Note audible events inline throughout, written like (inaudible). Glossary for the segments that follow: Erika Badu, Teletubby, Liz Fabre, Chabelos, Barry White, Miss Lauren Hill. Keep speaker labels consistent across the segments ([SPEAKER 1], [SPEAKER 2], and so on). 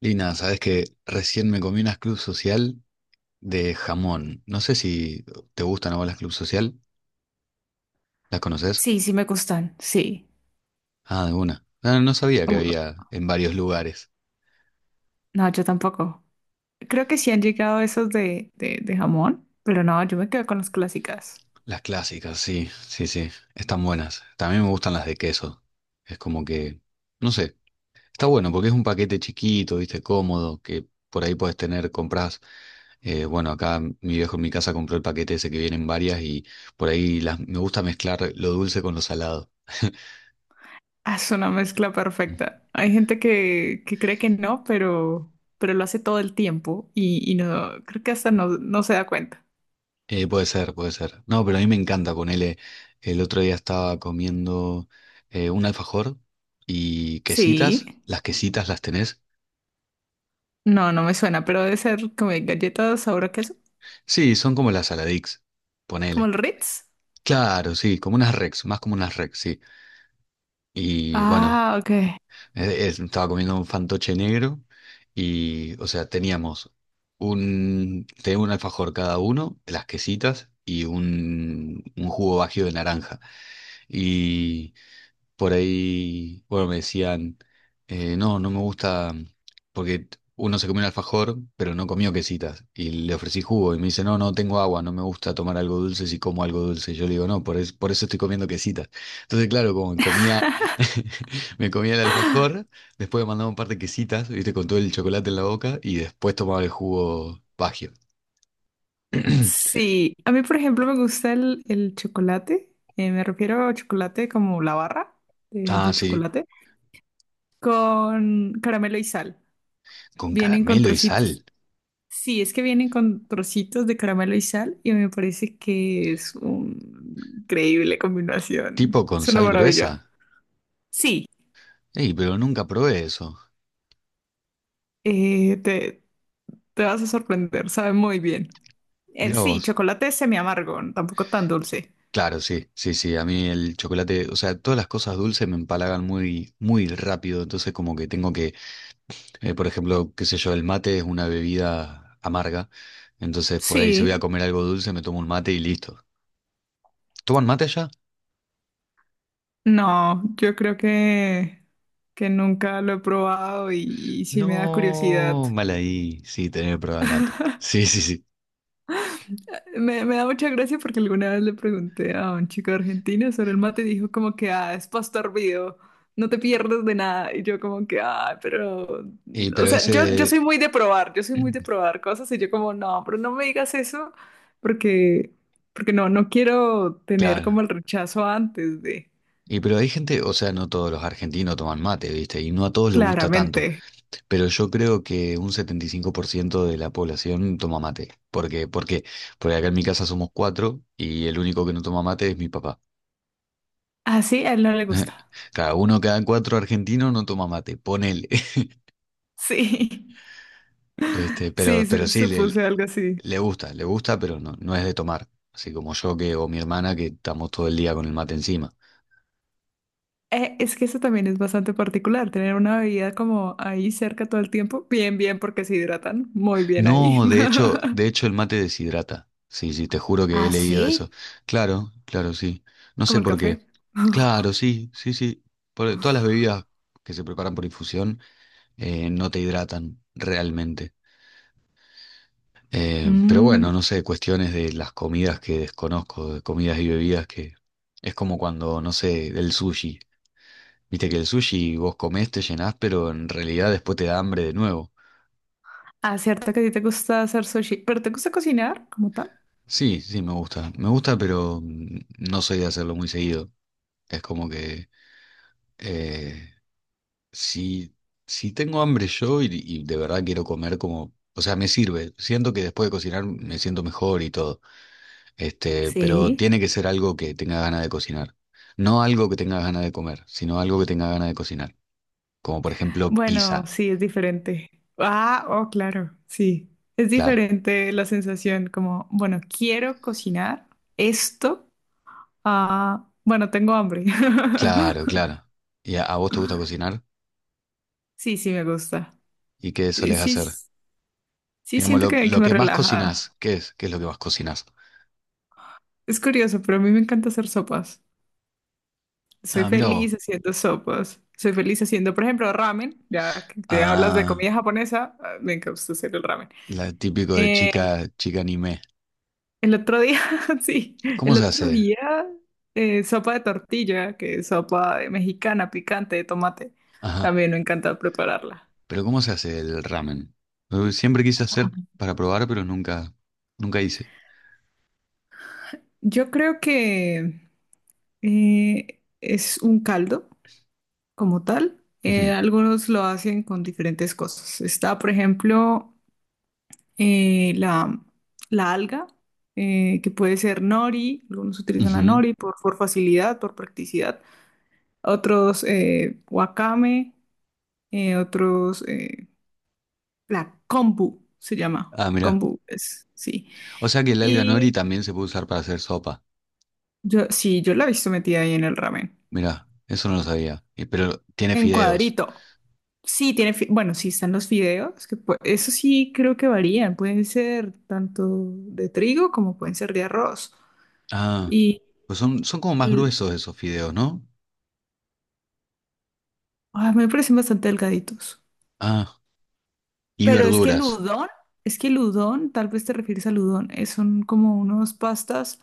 [SPEAKER 1] Lina, sabes que recién me comí unas club social de jamón. No sé si te gustan a vos las club social. ¿Las conoces?
[SPEAKER 2] Sí, sí me gustan, sí.
[SPEAKER 1] Ah, de una. Ah, no sabía
[SPEAKER 2] Uh,
[SPEAKER 1] que había en varios lugares.
[SPEAKER 2] No, yo tampoco. Creo que sí han llegado esos de jamón, pero no, yo me quedo con las clásicas.
[SPEAKER 1] Las clásicas, sí, sí, sí. Están buenas. También me gustan las de queso. Es como que, no sé, está bueno porque es un paquete chiquito, viste, cómodo, que por ahí podés tener, compras. Bueno, acá mi viejo en mi casa compró el paquete ese que vienen varias y por ahí las, me gusta mezclar lo dulce con lo salado.
[SPEAKER 2] Ah, es una mezcla perfecta. Hay gente que cree que no, pero lo hace todo el tiempo y no, creo que hasta no, no se da cuenta.
[SPEAKER 1] Puede ser, puede ser. No, pero a mí me encanta ponerle. El otro día estaba comiendo un alfajor y quesitas.
[SPEAKER 2] Sí,
[SPEAKER 1] ¿Las quesitas las tenés?
[SPEAKER 2] no, no me suena, pero debe ser como de galletas sabor a queso,
[SPEAKER 1] Sí, son como las Saladix.
[SPEAKER 2] como
[SPEAKER 1] Ponele.
[SPEAKER 2] el Ritz.
[SPEAKER 1] Claro, sí, como unas Rex, más como unas Rex, sí. Y bueno,
[SPEAKER 2] Ah, ok.
[SPEAKER 1] estaba comiendo un fantoche negro y, o sea, teníamos tenía un alfajor cada uno, las quesitas y un jugo bajío de naranja. Por ahí, bueno, me decían, no, no me gusta, porque uno se comió un alfajor, pero no comió quesitas, y le ofrecí jugo, y me dice, no, no tengo agua, no me gusta tomar algo dulce si como algo dulce. Y yo le digo, no, por, por eso estoy comiendo quesitas. Entonces, claro, como me comía, (laughs) me comía el alfajor, después me mandaba un par de quesitas, viste, con todo el chocolate en la boca, y después tomaba el jugo Bagio. (clears throat)
[SPEAKER 2] Sí, a mí, por ejemplo, me gusta el chocolate. Me refiero a chocolate como la barra de,
[SPEAKER 1] Ah,
[SPEAKER 2] de
[SPEAKER 1] sí,
[SPEAKER 2] chocolate con caramelo y sal.
[SPEAKER 1] con
[SPEAKER 2] Vienen con
[SPEAKER 1] caramelo y
[SPEAKER 2] trocitos.
[SPEAKER 1] sal,
[SPEAKER 2] Sí, es que vienen con trocitos de caramelo y sal y me parece que es una increíble
[SPEAKER 1] tipo
[SPEAKER 2] combinación.
[SPEAKER 1] con
[SPEAKER 2] Es una
[SPEAKER 1] sal
[SPEAKER 2] maravilla.
[SPEAKER 1] gruesa.
[SPEAKER 2] Sí,
[SPEAKER 1] Ey, pero nunca probé eso.
[SPEAKER 2] eh, te, te vas a sorprender, sabe muy bien.
[SPEAKER 1] Mira
[SPEAKER 2] Sí,
[SPEAKER 1] vos.
[SPEAKER 2] chocolate semi amargo, tampoco tan dulce.
[SPEAKER 1] Claro, sí, sí, sí. A mí el chocolate, o sea, todas las cosas dulces me empalagan muy, muy rápido. Entonces, como que tengo que, por ejemplo, qué sé yo, el mate es una bebida amarga. Entonces, por ahí si voy a
[SPEAKER 2] Sí.
[SPEAKER 1] comer algo dulce, me tomo un mate y listo. ¿Toman mate allá?
[SPEAKER 2] No, yo creo que nunca lo he probado y sí me da curiosidad.
[SPEAKER 1] No, mal ahí. Sí, tener que probar el mate. Sí, sí, sí.
[SPEAKER 2] Me da mucha gracia porque alguna vez le pregunté a un chico argentino sobre el mate y dijo como que, ah, es pasto hervido, no te pierdes de nada. Y yo como que, ah, pero,
[SPEAKER 1] Y
[SPEAKER 2] o
[SPEAKER 1] pero
[SPEAKER 2] sea, yo
[SPEAKER 1] ese,
[SPEAKER 2] soy muy de probar, yo soy muy de
[SPEAKER 1] (clears throat)
[SPEAKER 2] probar cosas y yo como, no, pero no me digas eso porque, porque no, no quiero tener como
[SPEAKER 1] claro.
[SPEAKER 2] el rechazo antes de,
[SPEAKER 1] Y pero hay gente, o sea, no todos los argentinos toman mate, ¿viste? Y no a todos les gusta tanto.
[SPEAKER 2] claramente.
[SPEAKER 1] Pero yo creo que un 75% de la población toma mate. ¿Por qué? ¿Por qué? Porque acá en mi casa somos cuatro y el único que no toma mate es mi papá.
[SPEAKER 2] Así a él no le
[SPEAKER 1] (laughs)
[SPEAKER 2] gusta.
[SPEAKER 1] Cada uno, cada cuatro argentinos no toma mate, ponele. (laughs)
[SPEAKER 2] (laughs) Sí.
[SPEAKER 1] Este,
[SPEAKER 2] Sí,
[SPEAKER 1] pero sí,
[SPEAKER 2] supuse algo así.
[SPEAKER 1] le gusta, pero no, no es de tomar. Así como yo que, o mi hermana que estamos todo el día con el mate encima.
[SPEAKER 2] Es que eso también es bastante particular, tener una bebida como ahí cerca todo el tiempo. Bien, bien, porque se hidratan muy bien ahí.
[SPEAKER 1] No,
[SPEAKER 2] (laughs)
[SPEAKER 1] de hecho el mate deshidrata. Sí, sí, te juro que he
[SPEAKER 2] ¿Ah,
[SPEAKER 1] leído eso.
[SPEAKER 2] sí?
[SPEAKER 1] Claro, claro, sí. No
[SPEAKER 2] Como
[SPEAKER 1] sé
[SPEAKER 2] el
[SPEAKER 1] por qué.
[SPEAKER 2] café.
[SPEAKER 1] Claro,
[SPEAKER 2] (laughs)
[SPEAKER 1] sí, sí, sí. Todas las bebidas que se preparan por infusión no te hidratan realmente. Pero
[SPEAKER 2] Mm,
[SPEAKER 1] bueno, no sé, cuestiones de las comidas que desconozco, de comidas y bebidas que es como cuando, no sé, el sushi. Viste que el sushi vos comés, te llenás, pero en realidad después te da hambre de nuevo.
[SPEAKER 2] ah, cierto que a ti te gusta hacer sushi, pero ¿te gusta cocinar como tal?
[SPEAKER 1] Sí, sí, me gusta. Me gusta, pero no soy de hacerlo muy seguido. Es como que eh, si, si tengo hambre yo y de verdad quiero comer como, o sea, me sirve. Siento que después de cocinar me siento mejor y todo. Este, pero
[SPEAKER 2] Sí.
[SPEAKER 1] tiene que ser algo que tenga ganas de cocinar. No algo que tenga ganas de comer, sino algo que tenga ganas de cocinar. Como por ejemplo
[SPEAKER 2] Bueno,
[SPEAKER 1] pizza.
[SPEAKER 2] sí, es diferente. Ah, oh, claro, sí. Es
[SPEAKER 1] Claro,
[SPEAKER 2] diferente la sensación como, bueno, quiero cocinar esto. Ah, bueno, tengo hambre. (laughs)
[SPEAKER 1] claro, claro. ¿Y a vos te gusta cocinar?
[SPEAKER 2] Sí, sí, me gusta.
[SPEAKER 1] ¿Y qué
[SPEAKER 2] Eh,
[SPEAKER 1] solés
[SPEAKER 2] Sí,
[SPEAKER 1] hacer?
[SPEAKER 2] s- sí,
[SPEAKER 1] Digamos,
[SPEAKER 2] siento que
[SPEAKER 1] lo
[SPEAKER 2] me
[SPEAKER 1] que más cocinás,
[SPEAKER 2] relaja.
[SPEAKER 1] ¿qué es? ¿Qué es lo que más cocinás?
[SPEAKER 2] Es curioso, pero a mí me encanta hacer sopas. Soy
[SPEAKER 1] Ah, mira vos.
[SPEAKER 2] feliz haciendo sopas. Soy feliz haciendo, por ejemplo, ramen. Ya que hablas de
[SPEAKER 1] Ah,
[SPEAKER 2] comida japonesa, ah, me encanta hacer el ramen.
[SPEAKER 1] la típico de
[SPEAKER 2] Eh,
[SPEAKER 1] chica, chica anime.
[SPEAKER 2] el otro día, (laughs) sí,
[SPEAKER 1] ¿Cómo
[SPEAKER 2] el
[SPEAKER 1] se
[SPEAKER 2] otro
[SPEAKER 1] hace?
[SPEAKER 2] día, sopa de tortilla, que es sopa de mexicana picante de tomate.
[SPEAKER 1] Ajá.
[SPEAKER 2] También me encanta prepararla.
[SPEAKER 1] Pero ¿cómo se hace el ramen? Siempre quise hacer para probar, pero nunca, nunca hice.
[SPEAKER 2] Yo creo que es un caldo como tal.
[SPEAKER 1] Ujú,
[SPEAKER 2] Algunos lo hacen con diferentes cosas. Está, por ejemplo, eh, la, la alga, que puede ser nori. Algunos utilizan la
[SPEAKER 1] ujú.
[SPEAKER 2] nori por facilidad, por practicidad. Otros wakame, otros la kombu se llama.
[SPEAKER 1] Ah, mira.
[SPEAKER 2] Kombu es, sí.
[SPEAKER 1] O sea que el alga nori
[SPEAKER 2] Y
[SPEAKER 1] también se puede usar para hacer sopa.
[SPEAKER 2] yo, sí, yo la he visto metida ahí en el ramen.
[SPEAKER 1] Mira, eso no lo sabía. Y- Pero tiene
[SPEAKER 2] En
[SPEAKER 1] fideos.
[SPEAKER 2] cuadrito. Sí, tiene, bueno, sí están los fideos, que eso sí creo que varían, pueden ser tanto de trigo como pueden ser de arroz.
[SPEAKER 1] Ah,
[SPEAKER 2] Y
[SPEAKER 1] pues son, son como más
[SPEAKER 2] l-
[SPEAKER 1] gruesos esos fideos, ¿no?
[SPEAKER 2] me parecen bastante delgaditos.
[SPEAKER 1] Ah, y
[SPEAKER 2] Pero es que el
[SPEAKER 1] verduras.
[SPEAKER 2] udon, es que el udon, tal vez te refieres al udon, son como unas pastas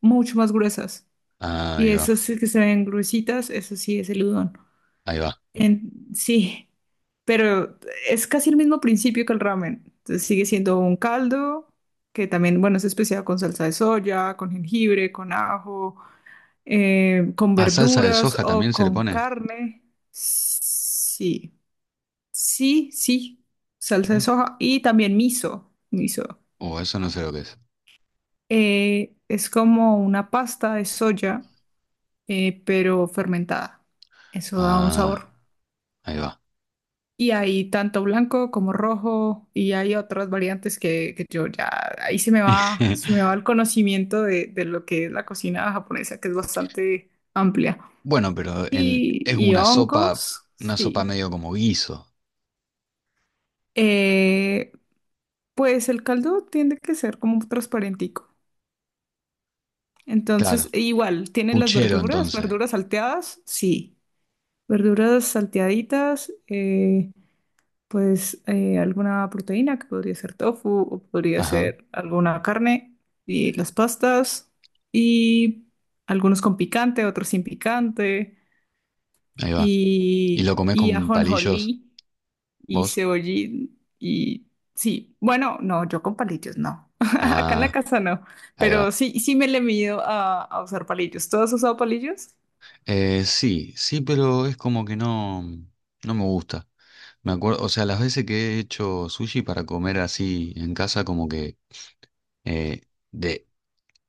[SPEAKER 2] mucho más gruesas.
[SPEAKER 1] Ah,
[SPEAKER 2] Y
[SPEAKER 1] ahí va,
[SPEAKER 2] esas sí que se ven gruesitas, eso sí es el udon.
[SPEAKER 1] ahí va.
[SPEAKER 2] Sí, pero es casi el mismo principio que el ramen. Entonces sigue siendo un caldo que también, bueno, es especial con salsa de soya, con jengibre, con ajo, con
[SPEAKER 1] Ah, salsa de
[SPEAKER 2] verduras
[SPEAKER 1] soja
[SPEAKER 2] o
[SPEAKER 1] también se le
[SPEAKER 2] con
[SPEAKER 1] pone.
[SPEAKER 2] carne. Sí, sí, sí, salsa de
[SPEAKER 1] Mirá.
[SPEAKER 2] soja y también miso. Miso.
[SPEAKER 1] Oh, eso no sé lo que es.
[SPEAKER 2] Es como una pasta de soya, pero fermentada. Eso da un
[SPEAKER 1] Ah.
[SPEAKER 2] sabor.
[SPEAKER 1] Ahí va.
[SPEAKER 2] Y hay tanto blanco como rojo y hay otras variantes que yo ya, ahí se me
[SPEAKER 1] (laughs)
[SPEAKER 2] va el conocimiento de lo que es la cocina japonesa, que es bastante amplia.
[SPEAKER 1] Bueno, pero en, es
[SPEAKER 2] Y hongos,
[SPEAKER 1] una sopa
[SPEAKER 2] sí.
[SPEAKER 1] medio como guiso.
[SPEAKER 2] Eh, pues el caldo tiende que ser como un transparentico. Entonces,
[SPEAKER 1] Claro.
[SPEAKER 2] igual, ¿tienen las
[SPEAKER 1] Puchero,
[SPEAKER 2] verduras?
[SPEAKER 1] entonces.
[SPEAKER 2] ¿Verduras salteadas? Sí. Verduras salteaditas. Alguna proteína que podría ser tofu o podría
[SPEAKER 1] Ajá,
[SPEAKER 2] ser alguna carne y las pastas y algunos con picante, otros sin picante
[SPEAKER 1] ahí va. ¿Y lo comés
[SPEAKER 2] y
[SPEAKER 1] con palillos,
[SPEAKER 2] ajonjolí y
[SPEAKER 1] vos?
[SPEAKER 2] cebollín y sí, bueno, no, yo con palillos no. (laughs) Acá en la
[SPEAKER 1] Ah,
[SPEAKER 2] casa no,
[SPEAKER 1] ahí
[SPEAKER 2] pero
[SPEAKER 1] va.
[SPEAKER 2] sí, sí me le mido a usar palillos. ¿Tú has usado palillos?
[SPEAKER 1] Sí, sí, pero es como que no, no me gusta. Me acuerdo, o sea, las veces que he hecho sushi para comer así en casa, como que eh, de,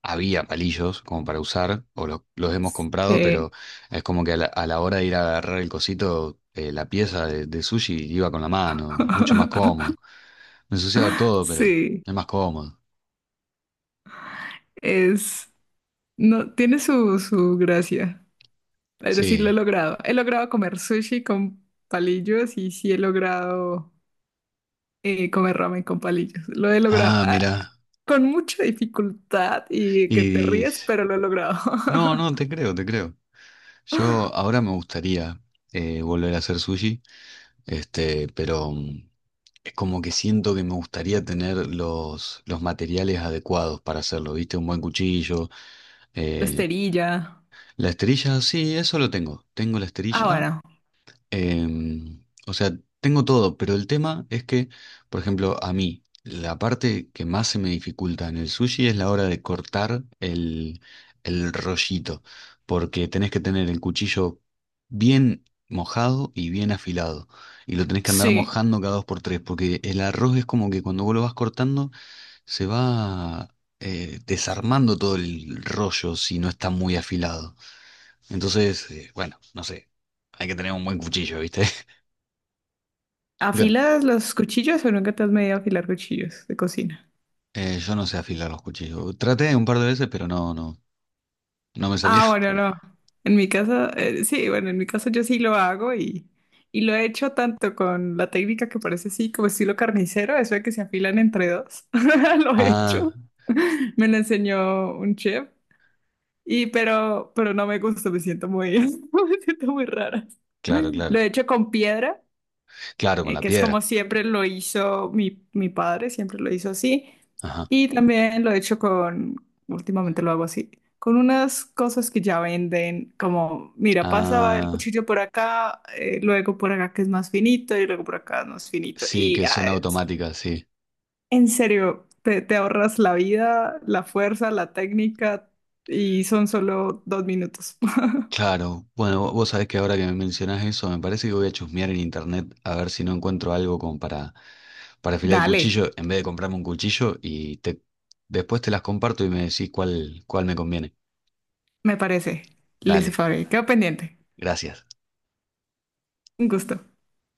[SPEAKER 1] había palillos como para usar, o los hemos comprado,
[SPEAKER 2] Sí.
[SPEAKER 1] pero es como que a a la hora de ir a agarrar el cosito, la pieza de sushi iba con la mano, es mucho más
[SPEAKER 2] (laughs)
[SPEAKER 1] cómodo. Me ensuciaba todo, pero
[SPEAKER 2] Sí,
[SPEAKER 1] es más cómodo.
[SPEAKER 2] es, no, tiene su gracia. Pero sí lo he
[SPEAKER 1] Sí.
[SPEAKER 2] logrado. He logrado comer sushi con palillos y sí he logrado comer ramen con palillos. Lo he logrado
[SPEAKER 1] Ah,
[SPEAKER 2] ah,
[SPEAKER 1] mira.
[SPEAKER 2] con mucha dificultad y que te
[SPEAKER 1] Y
[SPEAKER 2] ríes, pero lo he logrado.
[SPEAKER 1] no, no, te
[SPEAKER 2] (laughs)
[SPEAKER 1] creo, te creo. Yo ahora me gustaría volver a hacer sushi, este, pero es como que siento que me gustaría tener los materiales adecuados para hacerlo, ¿viste? Un buen cuchillo
[SPEAKER 2] La
[SPEAKER 1] eh,
[SPEAKER 2] esterilla.
[SPEAKER 1] la esterilla, sí, eso lo tengo. Tengo la
[SPEAKER 2] Ah,
[SPEAKER 1] esterilla.
[SPEAKER 2] bueno.
[SPEAKER 1] O sea, tengo todo, pero el tema es que, por ejemplo, a mí, la parte que más se me dificulta en el sushi es la hora de cortar el rollito, porque tenés que tener el cuchillo bien mojado y bien afilado, y lo tenés que andar
[SPEAKER 2] Sí.
[SPEAKER 1] mojando cada dos por tres, porque el arroz es como que cuando vos lo vas cortando, se va... desarmando todo el rollo si no está muy afilado. Entonces, bueno, no sé, hay que tener un buen cuchillo, ¿viste? (laughs) Bueno,
[SPEAKER 2] ¿Afilas los cuchillos o nunca te has medido a afilar cuchillos de cocina?
[SPEAKER 1] yo no sé afilar los cuchillos. Traté un par de veces, pero no, no, no me salió.
[SPEAKER 2] Ah, bueno,
[SPEAKER 1] (laughs)
[SPEAKER 2] no. En mi casa, sí, bueno, en mi caso yo sí lo hago y lo he hecho tanto con la técnica que parece así como estilo carnicero, eso de que se afilan entre dos. (laughs) Lo he
[SPEAKER 1] Ah,
[SPEAKER 2] hecho. (laughs) Me lo enseñó un chef y pero no me gusta, me siento muy (laughs) me siento muy rara.
[SPEAKER 1] claro,
[SPEAKER 2] Lo
[SPEAKER 1] claro.
[SPEAKER 2] he hecho con piedra
[SPEAKER 1] Claro, con la
[SPEAKER 2] que es como
[SPEAKER 1] piedra.
[SPEAKER 2] siempre lo hizo mi, mi padre, siempre lo hizo así.
[SPEAKER 1] Ajá.
[SPEAKER 2] Y también lo he hecho con, últimamente lo hago así, con unas cosas que ya venden, como, mira, pasa el
[SPEAKER 1] Ah,
[SPEAKER 2] cuchillo por acá, luego por acá que es más finito y luego por acá es más finito.
[SPEAKER 1] sí,
[SPEAKER 2] Y
[SPEAKER 1] que
[SPEAKER 2] ah,
[SPEAKER 1] son automáticas, sí.
[SPEAKER 2] en serio, te ahorras la vida, la fuerza, la técnica y son solo 2 minutos. (laughs)
[SPEAKER 1] Claro. Bueno, vos sabés que ahora que me mencionás eso, me parece que voy a chusmear en internet a ver si no encuentro algo como para afilar el
[SPEAKER 2] Dale,
[SPEAKER 1] cuchillo, en vez de comprarme un cuchillo después te las comparto y me decís cuál, cuál me conviene.
[SPEAKER 2] me parece. Liz
[SPEAKER 1] Dale,
[SPEAKER 2] Fabre, quedo pendiente.
[SPEAKER 1] gracias.
[SPEAKER 2] Un gusto.